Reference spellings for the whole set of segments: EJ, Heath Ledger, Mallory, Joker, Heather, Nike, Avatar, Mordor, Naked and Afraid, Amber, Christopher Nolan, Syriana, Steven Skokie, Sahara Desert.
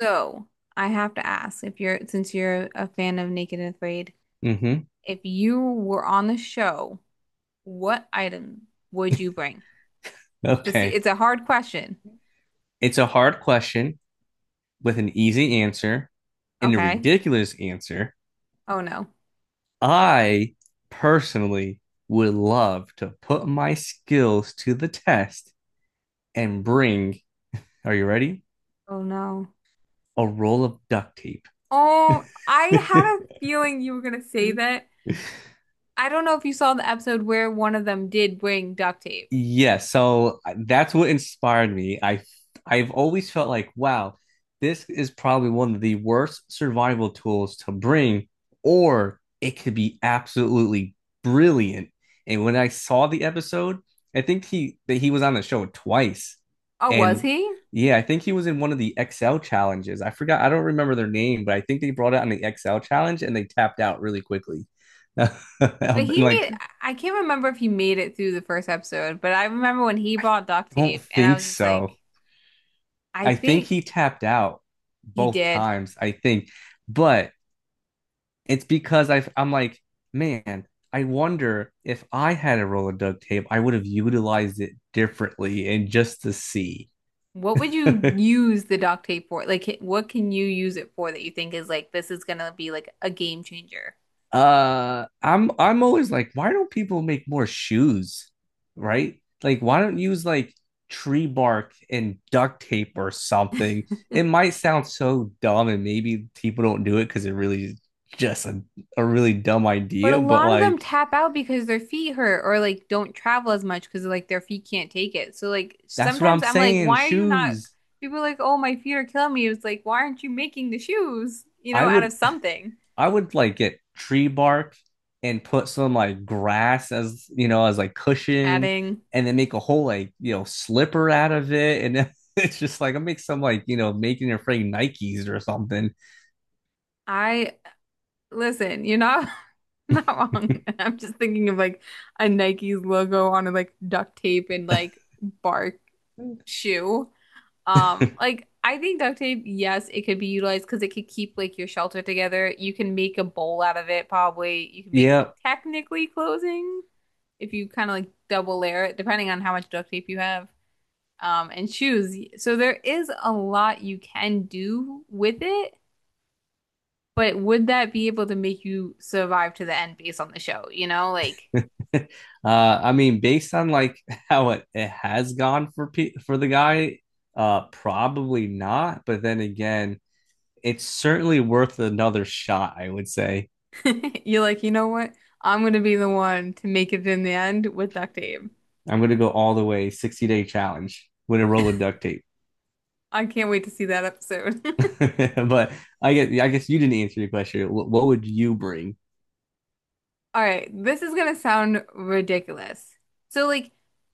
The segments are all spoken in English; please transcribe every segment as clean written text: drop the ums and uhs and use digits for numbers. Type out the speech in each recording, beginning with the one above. So I have to ask, if you're since you're a fan of Naked and Afraid, Hmm. if you were on the show, what item would you bring? To see, Okay. it's a hard question. It's a hard question with an easy answer and a Okay. ridiculous answer. Oh no. I personally would love to put my skills to the test and bring, are you ready? Oh no. A roll of duct tape. Oh, I had a feeling you were gonna say that. I don't know if you saw the episode where one of them did bring duct tape. Yeah, so that's what inspired me. I've always felt like, wow, this is probably one of the worst survival tools to bring, or it could be absolutely brilliant. And when I saw the episode, I think he that he was on the show twice. Oh, was And he? yeah, I think he was in one of the XL challenges. I forgot, I don't remember their name, but I think they brought it on the XL challenge and they tapped out really quickly. But And he like, made, I can't remember if he made it through the first episode, but I remember when he brought duct don't tape, and I think was just like, so. I I think think he tapped out he both did. times, I think. But it's because I'm like, man, I wonder if I had a roll of duct tape, I would have utilized it differently and just to see. What would you use the doc tape for? Like, what can you use it for that you think is like, this is gonna be like a game changer? I'm always like, why don't people make more shoes, right? Like, why don't you use like tree bark and duct tape or something? It might sound so dumb, and maybe people don't do it because it really is just a really dumb But a idea, but lot of them like tap out because their feet hurt or like don't travel as much because like their feet can't take it. So like that's what sometimes I'm I'm like, saying. why are you not? Shoes. People are like, oh, my feet are killing me. It's like, why aren't you making the shoes, you I know, out would of something? I would like get tree bark and put some like grass as as like cushion, Adding, and then make a whole like slipper out of it, and then it's just like I make some like making your friend Nikes or something. I listen, you're not not wrong. I'm just thinking of like a Nike's logo on like duct tape and like bark shoe. Like I think duct tape, yes, it could be utilized because it could keep like your shelter together. You can make a bowl out of it, probably. You can make Yeah, technically clothing if you kind of like double layer it, depending on how much duct tape you have. And shoes. So there is a lot you can do with it, but would that be able to make you survive to the end based on the show? You know, like uh, I mean, based on like how it has gone for the guy, probably not. But then again, it's certainly worth another shot. I would say. you're like, you know what? I'm gonna be the one to make it in the end with duct tape. I'm gonna go all the way 60-day challenge with a roll of duct tape. I can't wait to see that episode. But I guess you didn't answer the question. What would you bring? All right, this is gonna sound ridiculous. So, like,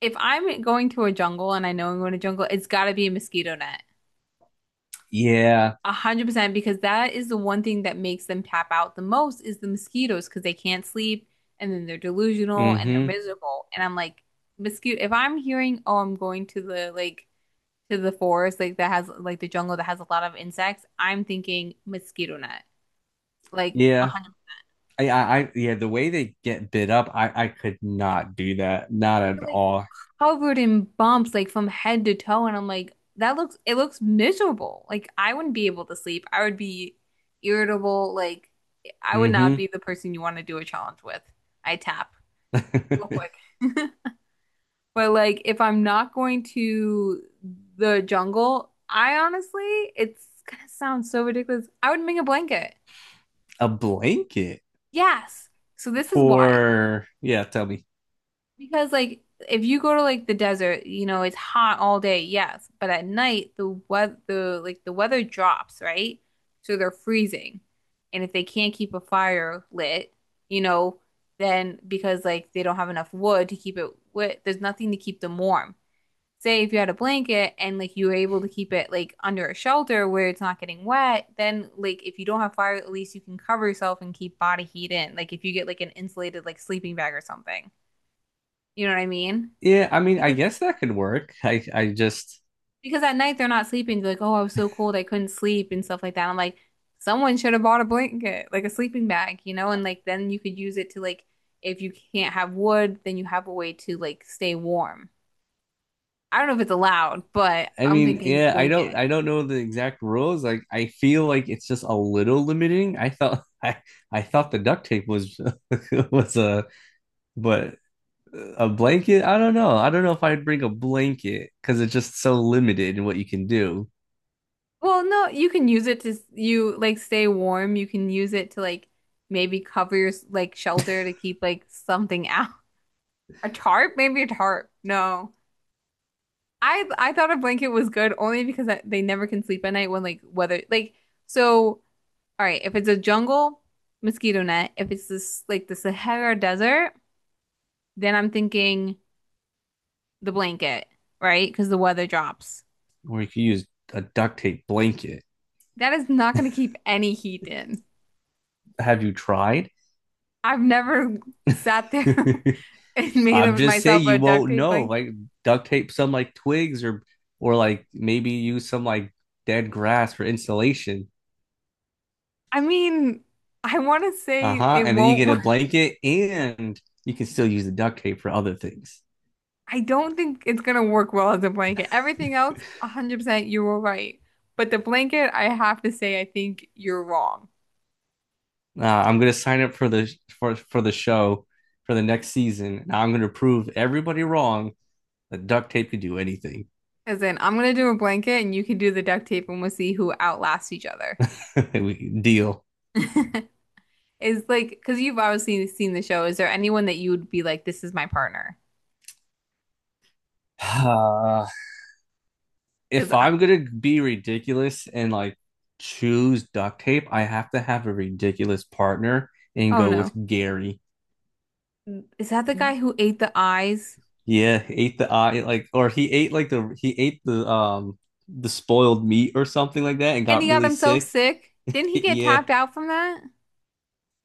if I'm going to a jungle and I know I'm going to jungle, it's gotta be a mosquito net. Yeah. 100%, because that is the one thing that makes them tap out the most is the mosquitoes, because they can't sleep and then they're delusional and they're Hmm. miserable. And I'm like, mosquito. If I'm hearing, oh, I'm going to the like to the forest like that has like the jungle that has a lot of insects, I'm thinking mosquito net, like a Yeah. hundred. I yeah, the way they get bid up, I could not do that. Not You're at like all. covered in bumps, like from head to toe, and I'm like, that looks it looks miserable. Like I wouldn't be able to sleep. I would be irritable. Like I would not Hmm. be the person you want to do a challenge with. I tap real quick. But like if I'm not going to the jungle, I honestly, it's gonna sound so ridiculous. I would make a blanket. A blanket Yes. So this is why. for yeah, tell me. Because like if you go to like the desert, you know, it's hot all day, yes, but at night the weather drops, right? So they're freezing. And if they can't keep a fire lit, you know, then because like they don't have enough wood to keep it lit, there's nothing to keep them warm. Say if you had a blanket and like you were able to keep it like under a shelter where it's not getting wet, then like if you don't have fire, at least you can cover yourself and keep body heat in. Like if you get like an insulated like sleeping bag or something. You know what I mean? Yeah, I mean, I Because guess that could work. I just because at night they're not sleeping. They're like, oh, I was so cold, I couldn't sleep and stuff like that. I'm like, someone should have bought a blanket, like a sleeping bag, you know, and like then you could use it to like if you can't have wood, then you have a way to like stay warm. I don't know if it's allowed, but I I'm mean, thinking yeah, I blanket. don't I don't know the exact rules. Like I feel like it's just a little limiting. I thought I thought the duct tape was was a but a blanket, I don't know. I don't know if I'd bring a blanket because it's just so limited in what you can do. Well, no, you can use it to you like stay warm. You can use it to like maybe cover your like shelter to keep like something out. A tarp? Maybe a tarp. No. I thought a blanket was good only because they never can sleep at night when like weather like. So all right, if it's a jungle, mosquito net. If it's this like the Sahara Desert, then I'm thinking the blanket, right? Because the weather drops. Or you could use a duct tape blanket. That is not going to keep any heat in. Have you tried? I've never sat there and made I'm of just saying myself a you duct won't tape know. like. Like duct tape some like twigs or like maybe use some like dead grass for insulation. I mean, I want to say Uh-huh. it And then you won't. get a blanket and you can still use the duct tape for other things. I don't think it's gonna work well as a blanket. Everything else, 100% you were right. But the blanket, I have to say, I think you're wrong. I'm gonna sign up for the show for the next season. And I'm gonna prove everybody wrong that duct tape can do anything. As in, I'm gonna do a blanket and you can do the duct tape and we'll see who outlasts each other. We deal. Is like, because you've obviously seen the show. Is there anyone that you would be like, this is my partner? Uh, Because if I, I'm gonna be ridiculous and like choose duct tape, I have to have a ridiculous partner and oh go with no. Gary. Is that the guy who ate the eyes? Yeah, he ate the eye like, or he ate like, the he ate the spoiled meat or something like that and And got he got really himself sick. sick? Didn't he get Yeah. tapped out from that?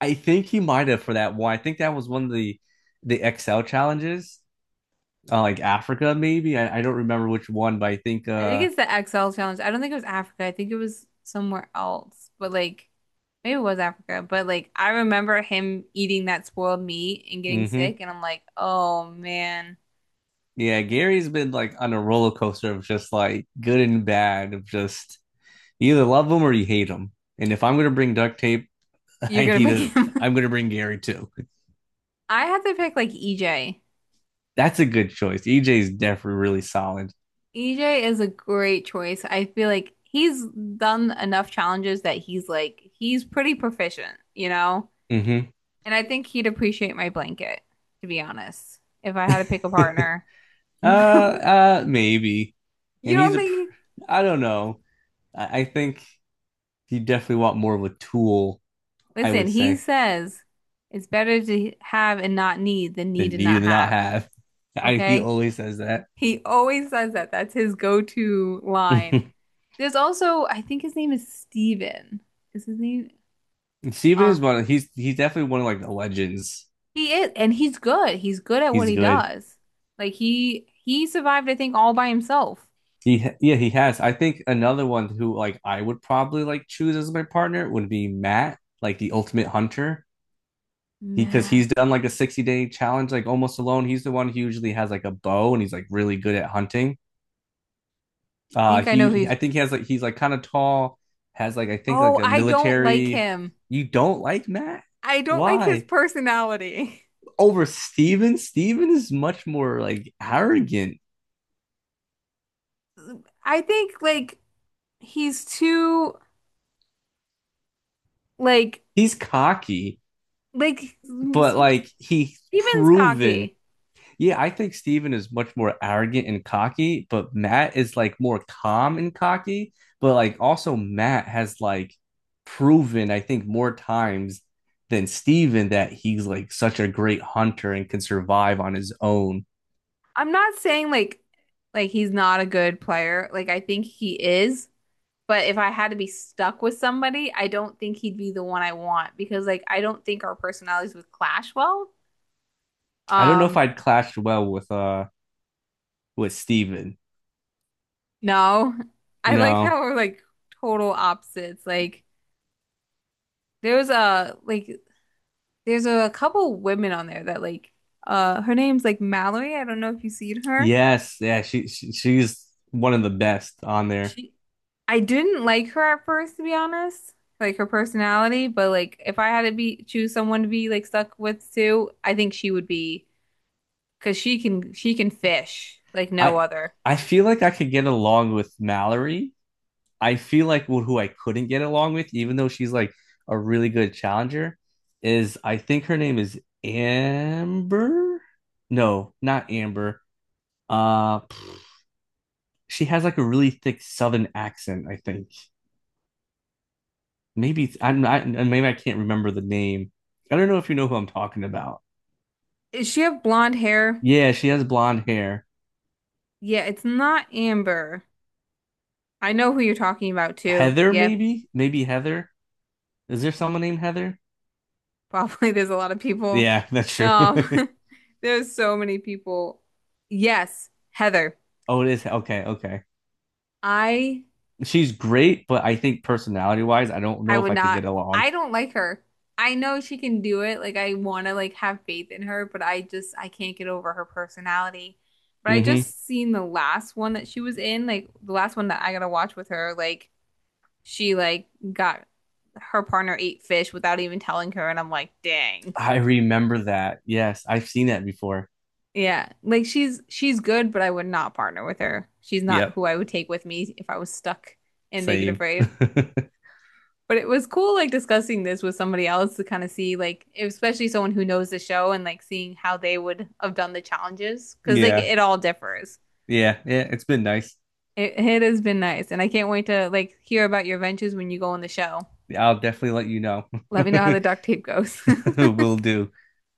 I think he might have for that one. I think that was one of the XL challenges. Like Africa maybe. I don't remember which one, but I think I think uh it's the XL challenge. I don't think it was Africa. I think it was somewhere else. But like maybe it was Africa. But like I remember him eating that spoiled meat and getting hmm sick and I'm like, "Oh man, Yeah, Gary's been like on a roller coaster of just like good and bad of just you either love him or you hate him. And if I'm gonna bring duct tape, you're I gonna need pick to him." I'm gonna bring Gary too. I have to pick like EJ. That's a good choice. EJ's definitely really solid. EJ is a great choice. I feel like he's done enough challenges that he's like he's pretty proficient, you know? Mm-hmm. And I think he'd appreciate my blanket, to be honest, if I had to pick a partner. uh, uh, maybe. I You mean, he's don't a. think. I don't know. I think you definitely want more of a tool. I Listen, would he say says it's better to have and not need than need than and you not do not have. have. He Okay? always says that. He always says that. That's his go-to line. There's also, I think his name is Steven. Is his name? Steven Uh, is one of, he's definitely one of like the legends. he is, and he's good. He's good at what He's he good. does. Like he survived, I think, all by himself. He Yeah, he has. I think another one who like I would probably like choose as my partner would be Matt, like the ultimate hunter. He Because Man, I he's done like a 60-day challenge like almost alone, he's the one who usually has like a bow and he's like really good at hunting. Think I know He who's. I think he has, like he's like kind of tall, has like I think Oh, like a I don't like military. him. You don't like Matt? I don't like his Why? personality. Over Steven, Steven is much more like arrogant. I think like he's too like. He's cocky Steven but like he's proven. Skokie. Yeah, I think Steven is much more arrogant and cocky, but Matt is like more calm and cocky. But like also Matt has like proven, I think, more times than Steven that he's like such a great hunter and can survive on his own. I'm not saying like he's not a good player. Like I think he is, but if I had to be stuck with somebody, I don't think he'd be the one I want because like I don't think our personalities would clash well. I don't know if Um, I'd clashed well with Steven. no. I like No. how we're like total opposites. Like there was a like there's a couple women on there that like her name's like Mallory. I don't know if you've seen her. Yes, yeah, she's one of the best on there. She I didn't like her at first, to be honest. Like her personality, but like if I had to be choose someone to be like stuck with too, I think she would be because she can fish like no I other. I feel like I could get along with Mallory. I feel like who I couldn't get along with, even though she's like a really good challenger, is I think her name is Amber. No, not Amber. Uh, she has like a really thick Southern accent. I think maybe it's, I'm not. Maybe I can't remember the name. I don't know if you know who I'm talking about. Does she have blonde hair? Yeah, she has blonde hair. Yeah, it's not Amber. I know who you're talking about too. Heather, Yeah, maybe, maybe Heather. Is there someone named Heather? probably there's a lot of people. Yeah, that's true. Um, there's so many people. Yes, Heather. Oh, it is. Okay, okay. I She's great, but I think personality wise, I don't I know if would I could not. get along. I don't like her. I know she can do it. Like I want to like have faith in her, but I can't get over her personality. But I Hmm. just seen the last one that she was in, like the last one that I gotta watch with her. Like she like got her partner ate fish without even telling her, and I'm like, dang. I remember that. Yes, I've seen that before. Yeah, like she's good, but I would not partner with her. She's not Yep, who I would take with me if I was stuck in Naked same. Afraid. But it was cool like discussing this with somebody else to kind of see like especially someone who knows the show and like seeing how they would have done the challenges because like Yeah, it all differs. yeah, yeah. It's been nice. It has been nice and I can't wait to like hear about your ventures when you go on the show. I'll definitely let you know. Let me know how the duct tape goes. All Will do.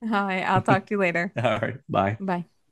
right, I'll talk to you later. All right, bye. Bye.